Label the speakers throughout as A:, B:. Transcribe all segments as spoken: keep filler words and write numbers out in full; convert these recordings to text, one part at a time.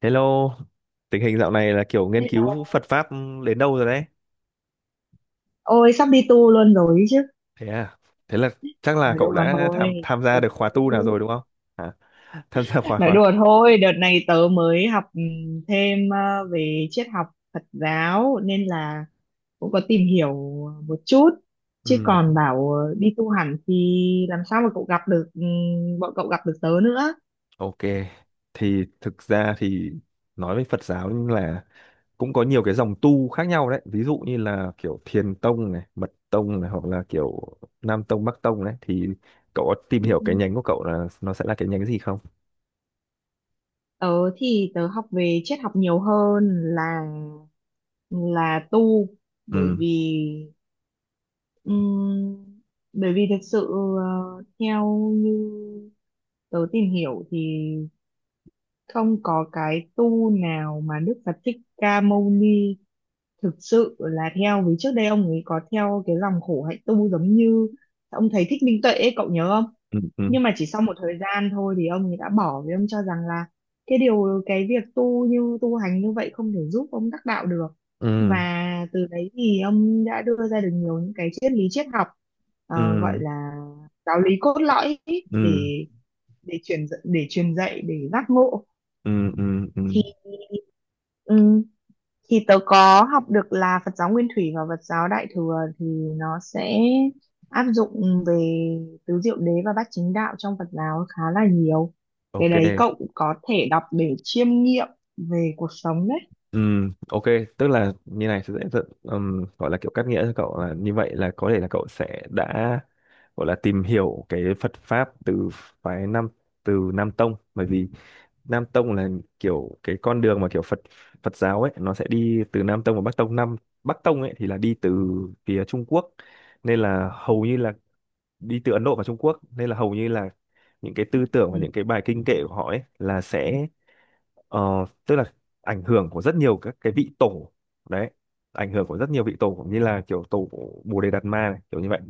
A: Hello, tình hình dạo này là kiểu nghiên cứu Phật pháp đến đâu rồi đấy?
B: Ôi sắp đi tu luôn rồi ấy chứ.
A: Thế à? Thế là chắc là
B: Nói
A: cậu
B: đùa
A: đã tham
B: thôi.
A: tham
B: Ừ.
A: gia được khóa tu nào rồi đúng không? Hả? Tham gia khóa
B: Nói
A: khóa.
B: đùa thôi. Đợt này tớ mới học ừ, thêm ờ, về triết học Phật giáo. Nên là cũng có tìm hiểu một chút. Chứ
A: Ừ,
B: còn bảo ờ, đi tu hẳn thì làm sao mà cậu gặp được ừ, Bọn cậu gặp được tớ nữa.
A: ok. Thì thực ra thì nói về Phật giáo là cũng có nhiều cái dòng tu khác nhau đấy. Ví dụ như là kiểu Thiền tông này, Mật tông này hoặc là kiểu Nam tông, Bắc tông đấy. Thì cậu có tìm hiểu cái nhánh của cậu là nó sẽ là cái nhánh gì không?
B: Tớ thì tớ học về triết học nhiều hơn là là tu. Bởi
A: Ừ,
B: vì Ừm, bởi vì thực sự ờ, theo như tớ tìm hiểu thì không có cái tu nào mà Đức Phật Thích Ca Mâu Ni thực sự là theo, vì trước đây ông ấy có theo cái dòng khổ hạnh tu giống như ông thầy Thích Minh Tuệ ấy, cậu nhớ không?
A: ừ, ừ,
B: Nhưng mà chỉ sau một thời gian thôi thì ông ấy đã bỏ, vì ông cho rằng là cái điều cái việc tu như tu hành như vậy không thể giúp ông đắc đạo được.
A: ừ,
B: Và từ đấy thì ông đã đưa ra được nhiều những cái triết lý triết học, ờ, gọi
A: ừ,
B: là giáo lý cốt lõi ý,
A: ừ,
B: để để truyền dạy- để truyền dạy để giác ngộ.
A: ừ, ừ, ừ,
B: Ừ, thì tớ có học được là Phật giáo Nguyên Thủy và Phật giáo Đại Thừa thì nó sẽ áp dụng về tứ diệu đế và bát chính đạo trong Phật giáo khá là nhiều. Cái
A: ok,
B: đấy cậu cũng có thể đọc để chiêm nghiệm về cuộc sống đấy.
A: ừ, ok. Tức là như này sẽ sẽ- ừm, gọi là kiểu cắt nghĩa cho cậu là như vậy, là có thể là cậu sẽ đã gọi là tìm hiểu cái Phật pháp từ phái Nam, từ Nam Tông, bởi vì Nam Tông là kiểu cái con đường mà kiểu Phật Phật giáo ấy nó sẽ đi từ Nam Tông và Bắc Tông. Nam Bắc Tông ấy thì là đi từ phía Trung Quốc, nên là hầu như là đi từ Ấn Độ và Trung Quốc, nên là hầu như là những cái tư tưởng và
B: Ừ.
A: những cái bài kinh kệ của họ ấy là sẽ, Ờ, tức là ảnh hưởng của rất nhiều các cái vị tổ đấy, ảnh hưởng của rất nhiều vị tổ cũng như là kiểu tổ Bồ Đề Đạt Ma này, kiểu như vậy.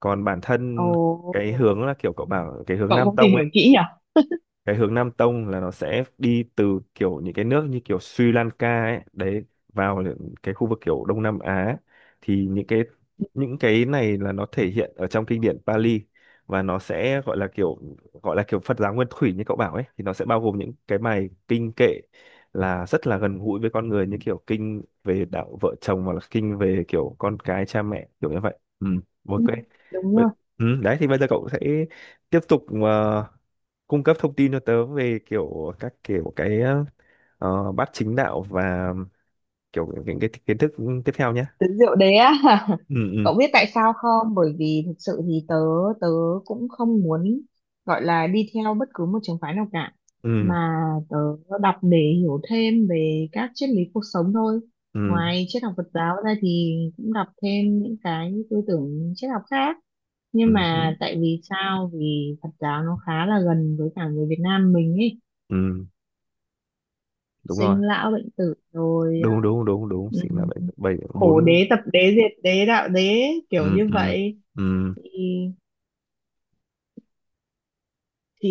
A: Còn bản
B: Ồ,
A: thân cái hướng là kiểu cậu bảo cái hướng
B: cậu
A: Nam
B: cũng tìm
A: Tông ấy,
B: hiểu kỹ nhỉ?
A: cái hướng Nam Tông là nó sẽ đi từ kiểu những cái nước như kiểu Sri Lanka ấy đấy, vào những cái khu vực kiểu Đông Nam Á, thì những cái những cái này là nó thể hiện ở trong kinh điển Pali, và nó sẽ gọi là kiểu, gọi là kiểu Phật giáo nguyên thủy như cậu bảo ấy, thì nó sẽ bao gồm những cái bài kinh kệ là rất là gần gũi với con người, như kiểu kinh về đạo vợ chồng hoặc là kinh về kiểu con cái cha mẹ kiểu như vậy. Ừ, ok.
B: Ừ, đúng rồi.
A: Vậy- ừ, đấy thì bây giờ cậu sẽ tiếp tục ờ, cung cấp thông tin cho tớ về kiểu các kiểu cái, ờ, bát chính đạo và kiểu những cái kiến thức tiếp theo nhé.
B: Tớ rượu đế á.
A: Ừ, ừ,
B: Cậu biết tại sao không? Bởi vì thực sự thì tớ tớ cũng không muốn gọi là đi theo bất cứ một trường phái nào cả,
A: ừ,
B: mà tớ đọc để hiểu thêm về các triết lý cuộc sống thôi.
A: ừ,
B: Ngoài triết học Phật giáo ra thì cũng đọc thêm những cái tư tưởng triết học khác, nhưng
A: ừ, ừ,
B: mà tại vì sao? Vì Phật giáo nó khá là gần với cả người Việt Nam mình ấy.
A: ừ, đúng rồi.
B: Sinh lão bệnh tử rồi à,
A: Đúng đúng đúng đúng, chính là
B: ừm,
A: bảy bảy
B: khổ
A: bốn.
B: đế tập đế diệt đế đạo đế kiểu
A: Ừ,
B: như
A: ừ,
B: vậy,
A: ừ,
B: thì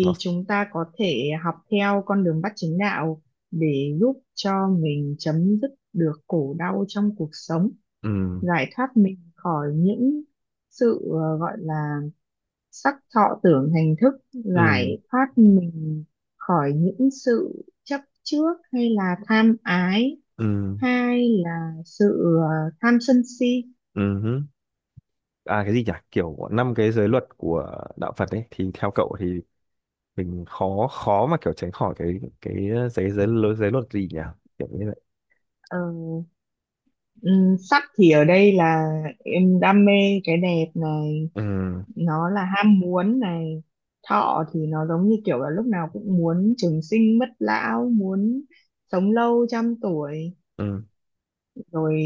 A: nó,
B: chúng ta có thể học theo con đường Bát Chánh Đạo để giúp cho mình chấm dứt được khổ đau trong cuộc sống,
A: ừ,
B: giải thoát mình khỏi những sự, ờ, gọi là sắc thọ tưởng hành thức,
A: ừ,
B: giải thoát mình khỏi những sự chấp trước hay là tham ái,
A: ừ,
B: hay là sự ờ, tham sân si.
A: ừ hứ. À cái gì nhỉ? Kiểu năm cái giới luật của đạo Phật ấy thì theo cậu thì mình khó khó mà kiểu tránh khỏi cái cái giới giới giới luật gì nhỉ? Kiểu như vậy.
B: Ờ, ừm, Sắc thì ở đây là em đam mê cái đẹp này,
A: Ừ,
B: nó là ham muốn này. Thọ thì nó giống như kiểu là lúc nào cũng muốn trường sinh bất lão, muốn sống lâu trăm tuổi.
A: ừ,
B: Rồi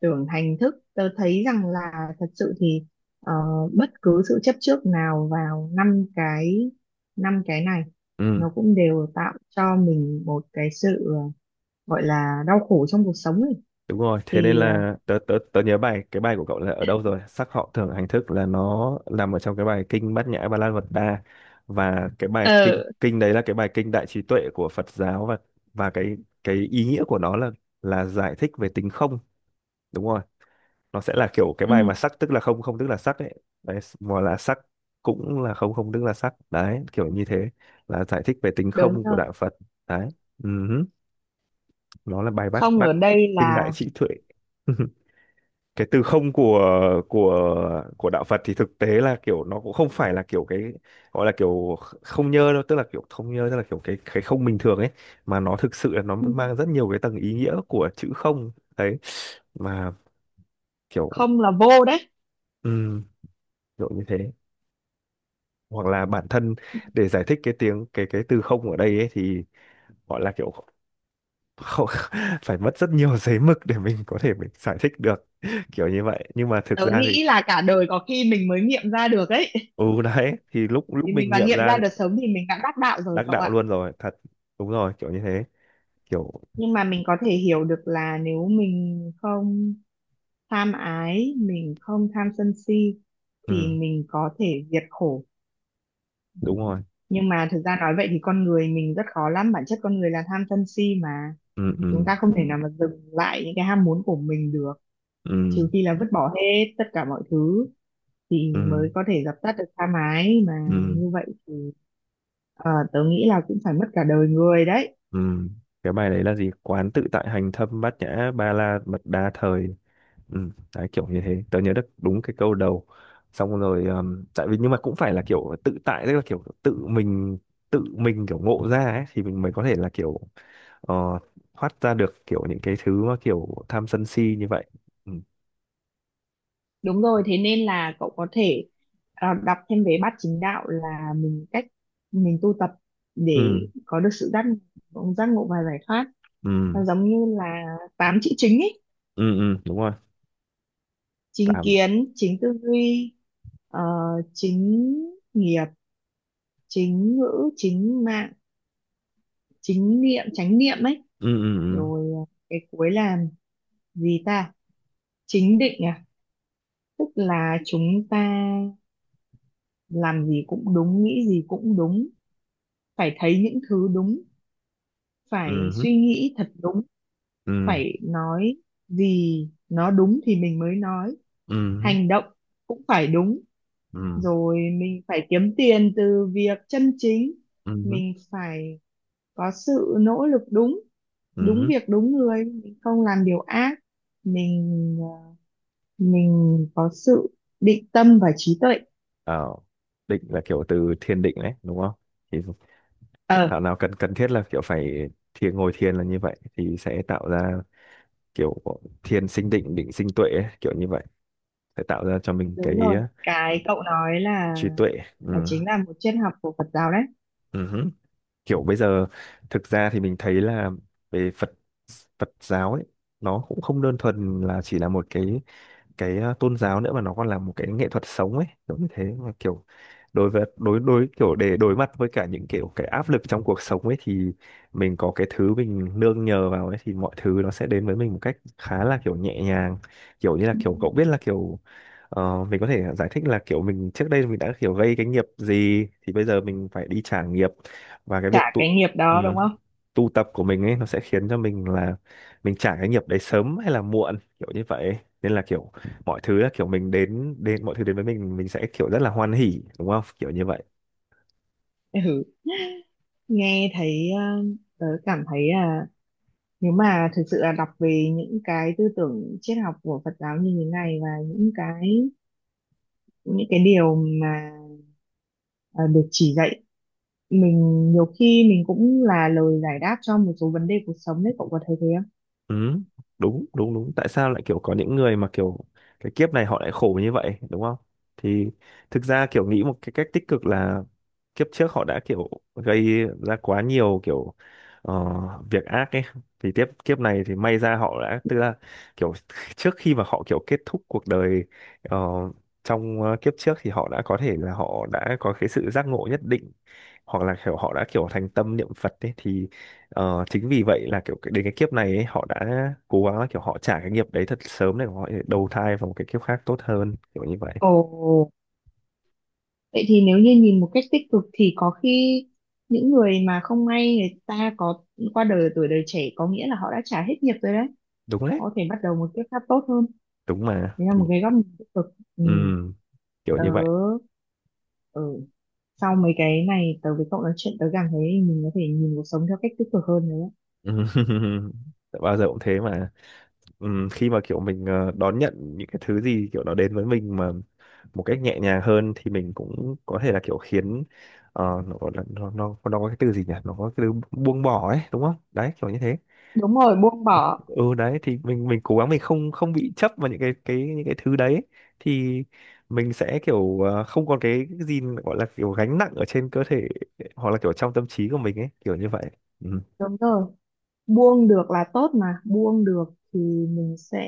B: tưởng hành thức, tớ thấy rằng là thật sự thì ờ, bất cứ sự chấp trước nào vào năm cái năm cái này
A: ừ.
B: nó cũng đều tạo cho mình một cái sự, ờ, gọi là đau khổ trong cuộc sống ấy
A: Đúng rồi, thế nên
B: thì,
A: là tớ, tớ, tớ nhớ bài cái bài của cậu là ở đâu rồi? Sắc họ thường hành thức là nó nằm ở trong cái bài kinh Bát Nhã Ba La Mật Đa, và cái bài kinh
B: ờ
A: kinh đấy là cái bài kinh đại trí tuệ của Phật giáo, và và cái cái ý nghĩa của nó là là giải thích về tính không. Đúng rồi, nó sẽ là kiểu cái
B: ừ,
A: bài mà sắc tức là không, không tức là sắc ấy. Đấy, mà là sắc cũng là không, không tức là sắc. Đấy, kiểu như thế là giải thích về tính
B: đúng
A: không của
B: rồi.
A: đạo Phật. Đấy. ừm, Nó là bài bát
B: Không
A: bát
B: ở đây
A: kinh đại
B: là
A: trí tuệ. Cái từ không của của của đạo Phật thì thực tế là kiểu nó cũng không phải là kiểu cái, gọi là kiểu không nhơ đâu, tức là kiểu không nhơ tức là kiểu cái cái không bình thường ấy, mà nó thực sự là nó mang rất nhiều cái tầng ý nghĩa của chữ không đấy, mà kiểu
B: không là vô đấy.
A: um, kiểu như thế. Hoặc là bản thân để giải thích cái tiếng cái cái từ không ở đây ấy thì gọi là kiểu không, phải mất rất nhiều giấy mực để mình có thể mình giải thích được kiểu như vậy, nhưng mà thực
B: Tớ
A: ra thì
B: nghĩ là cả đời có khi mình mới nghiệm ra được ấy.
A: ừ, đấy thì lúc lúc
B: Thì mình
A: mình
B: mà
A: nghiệm
B: nghiệm
A: ra
B: ra được sớm thì mình đã đắc đạo rồi,
A: đắc
B: cậu
A: đạo
B: ạ.
A: luôn rồi thật, đúng rồi kiểu như thế, kiểu
B: Nhưng mà mình có thể hiểu được là nếu mình không tham ái, mình không tham sân si thì
A: ừ,
B: mình có thể diệt khổ.
A: đúng rồi,
B: Nhưng mà thực ra nói vậy thì con người mình rất khó lắm, bản chất con người là tham sân si mà.
A: ừ,
B: Chúng
A: ừ,
B: ta không thể nào mà dừng lại những cái ham muốn của mình được,
A: ừ,
B: trừ khi là vứt bỏ hết tất cả mọi thứ thì
A: ừ,
B: mới có thể dập tắt được tha mái mà.
A: ừ,
B: Như vậy thì ờ, tớ nghĩ là cũng phải mất cả đời người đấy.
A: ừ. Cái bài đấy là gì? Quán tự tại hành thâm bát nhã ba la mật đa thời, ừ, đấy kiểu như thế, tớ nhớ được đúng cái câu đầu, xong rồi. Um, tại vì nhưng mà cũng phải là kiểu tự tại, tức là kiểu tự mình tự mình kiểu ngộ ra ấy, thì mình mới có thể là kiểu, ờ, thoát ra được kiểu những cái thứ mà kiểu tham sân si như vậy. Ừ,
B: Đúng rồi, thế nên là cậu có thể ờ, đọc thêm về bát chính đạo, là mình cách mình tu tập
A: ừ,
B: để có được sự giác ngộ- giác ngộ và giải thoát.
A: ừ,
B: Nó giống như là tám chữ chính ấy:
A: ừ, ừ, đúng rồi.
B: chính
A: Tạm.
B: kiến, chính tư duy, ờ, chính nghiệp, chính ngữ, chính mạng, chính niệm chánh niệm ấy,
A: Ừ, ừ,
B: rồi à, cái cuối là gì ta, chính định à. Tức là chúng ta làm gì cũng đúng, nghĩ gì cũng đúng, phải thấy những thứ đúng, phải
A: ừ, ừ,
B: suy nghĩ thật đúng,
A: ừ,
B: phải nói gì nó đúng thì mình mới nói,
A: ừ,
B: hành động cũng phải đúng.
A: ừ,
B: Rồi mình phải kiếm tiền từ việc chân chính,
A: ừ,
B: mình phải có sự nỗ lực đúng,
A: ừ,
B: đúng
A: ừ.
B: việc đúng người, mình không làm điều ác, mình ờ, mình có sự định tâm và trí tuệ.
A: Ờ, định là kiểu từ thiền định đấy, đúng không? Thì
B: Ờ,
A: thảo nào cần cần thiết là kiểu phải thiền, ngồi thiền là như vậy thì sẽ tạo ra kiểu thiền sinh định, định sinh tuệ ấy, kiểu như vậy sẽ tạo ra cho mình cái,
B: đúng rồi,
A: ờ,
B: cái cậu nói là
A: trí tuệ. Ừ,
B: là chính là một triết học của Phật giáo đấy.
A: ừ, hứ. Kiểu bây giờ thực ra thì mình thấy là về Phật Phật giáo ấy nó cũng không đơn thuần là chỉ là một cái cái, ờ, tôn giáo nữa, mà nó còn là một cái nghệ thuật sống ấy kiểu như thế, mà kiểu đối với đối đối kiểu để đối mặt với cả những kiểu cái áp lực trong cuộc sống ấy, thì mình có cái thứ mình nương nhờ vào ấy thì mọi thứ nó sẽ đến với mình một cách khá là kiểu nhẹ nhàng, kiểu như là kiểu cậu biết là kiểu, ờ, mình có thể giải thích là kiểu mình trước đây mình đã kiểu gây cái nghiệp gì thì bây giờ mình phải đi trả nghiệp, và cái việc
B: Trả
A: tụ
B: cái nghiệp đó, đúng
A: ừ,
B: không?
A: tu tập của mình ấy nó sẽ khiến cho mình là mình trả cái nghiệp đấy sớm hay là muộn kiểu như vậy, nên là kiểu mọi thứ là kiểu mình đến đến mọi thứ đến với mình mình sẽ kiểu rất là hoan hỉ đúng không kiểu như vậy.
B: Ừ. Nghe thấy, ờ, tớ cảm thấy là nếu mà thực sự là đọc về những cái tư tưởng triết học của Phật giáo như thế này và những cái những cái điều mà ờ, được chỉ dạy mình, nhiều khi mình cũng là lời giải đáp cho một số vấn đề cuộc sống đấy, cậu có thấy thế không?
A: Ừ, đúng đúng đúng, tại sao lại kiểu có những người mà kiểu cái kiếp này họ lại khổ như vậy đúng không? Thì thực ra kiểu nghĩ một cái cách tích cực là kiếp trước họ đã kiểu gây ra quá nhiều kiểu, ờ, việc ác ấy, thì tiếp kiếp này thì may ra họ đã tức là kiểu, trước khi mà họ kiểu kết thúc cuộc đời, ờ, trong ờ, kiếp trước thì họ đã có thể là họ đã có cái sự giác ngộ nhất định, hoặc là kiểu họ đã kiểu thành tâm niệm Phật ấy, thì ờ, chính vì vậy là kiểu cái- đến cái kiếp này ấy, họ đã cố gắng là kiểu họ trả cái nghiệp đấy thật sớm để họ đầu thai vào một cái kiếp khác tốt hơn kiểu như vậy.
B: Ồ, vậy thì nếu như nhìn một cách tích cực thì có khi những người mà không may, người ta có qua đời ở tuổi đời trẻ, có nghĩa là họ đã trả hết nghiệp rồi đấy.
A: Đúng đấy.
B: Họ có thể bắt đầu một kiếp khác tốt hơn.
A: Đúng mà
B: Đấy là
A: thì
B: một cái góc nhìn tích cực. Ừ.
A: ừm, kiểu
B: Tớ,
A: như vậy.
B: ừ. Sau mấy cái này tớ với cậu nói chuyện, tớ cảm thấy mình có thể nhìn cuộc sống theo cách tích cực hơn đấy.
A: Bao giờ cũng thế mà. Ừm, khi mà kiểu mình, ờ, đón nhận những cái thứ gì kiểu nó đến với mình mà một cách nhẹ nhàng hơn thì mình cũng có thể là kiểu khiến, ờ, nó, nó nó nó có cái từ gì nhỉ? Nó có cái từ buông bỏ ấy đúng không? Đấy kiểu như thế.
B: Đúng rồi, buông bỏ.
A: Ừ, đấy thì mình mình cố gắng mình không không bị chấp vào những cái cái những cái thứ đấy, thì mình sẽ kiểu, ờ, không còn cái cái gì mà gọi là kiểu gánh nặng ở trên cơ thể hoặc là kiểu trong tâm trí của mình ấy kiểu như vậy. Ừ.
B: Đúng rồi. Buông được là tốt mà. Buông được thì mình sẽ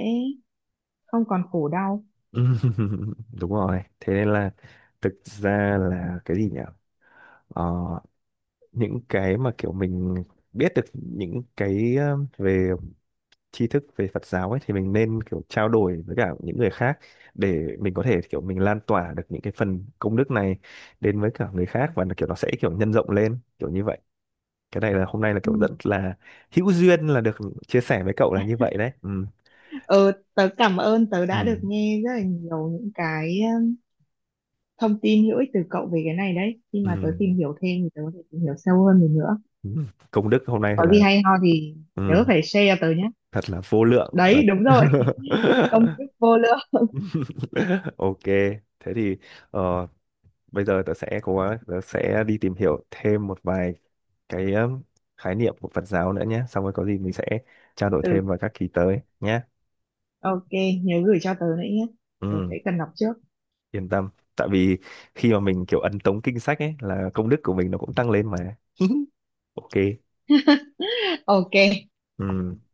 B: không còn khổ đau.
A: Đúng rồi, thế nên là thực ra là cái gì nhỉ? Ờ, những cái mà kiểu mình biết được những cái, ờ, về tri thức về Phật giáo ấy, thì mình nên kiểu trao đổi với cả những người khác để mình có thể kiểu mình lan tỏa được những cái phần công đức này đến với cả người khác, và nó kiểu nó sẽ kiểu nhân rộng lên kiểu như vậy. Cái này là hôm nay là kiểu
B: Ừ.
A: rất là hữu duyên là được chia sẻ với cậu là như vậy đấy. Ừ.
B: Ờ, tớ cảm ơn, tớ đã
A: Ừ.
B: được nghe rất là nhiều những cái um, thông tin hữu ích từ cậu về cái này đấy. Khi mà tớ
A: Ừ.
B: tìm hiểu thêm thì tớ có thể tìm hiểu sâu hơn được nữa.
A: Ừ. Công đức hôm nay thật
B: Có gì
A: là,
B: hay ho thì nhớ
A: ừ,
B: phải share cho tớ nhé.
A: thật là vô lượng và
B: Đấy, đúng rồi. Công thức vô lượng.
A: ok thế thì, ờ, bây giờ tớ sẽ cố gắng tớ sẽ đi tìm hiểu thêm một vài cái, um, khái niệm của Phật giáo nữa nhé, xong rồi có gì mình sẽ trao đổi
B: Ừ,
A: thêm vào các kỳ tới nhé.
B: ok, nhớ gửi cho tớ nữa nhé. Tớ
A: Ừ,
B: sẽ cần đọc trước.
A: yên tâm, tại vì khi mà mình kiểu ấn tống kinh sách ấy là công đức của mình nó cũng tăng lên mà. ok.
B: Ok.
A: Ừ.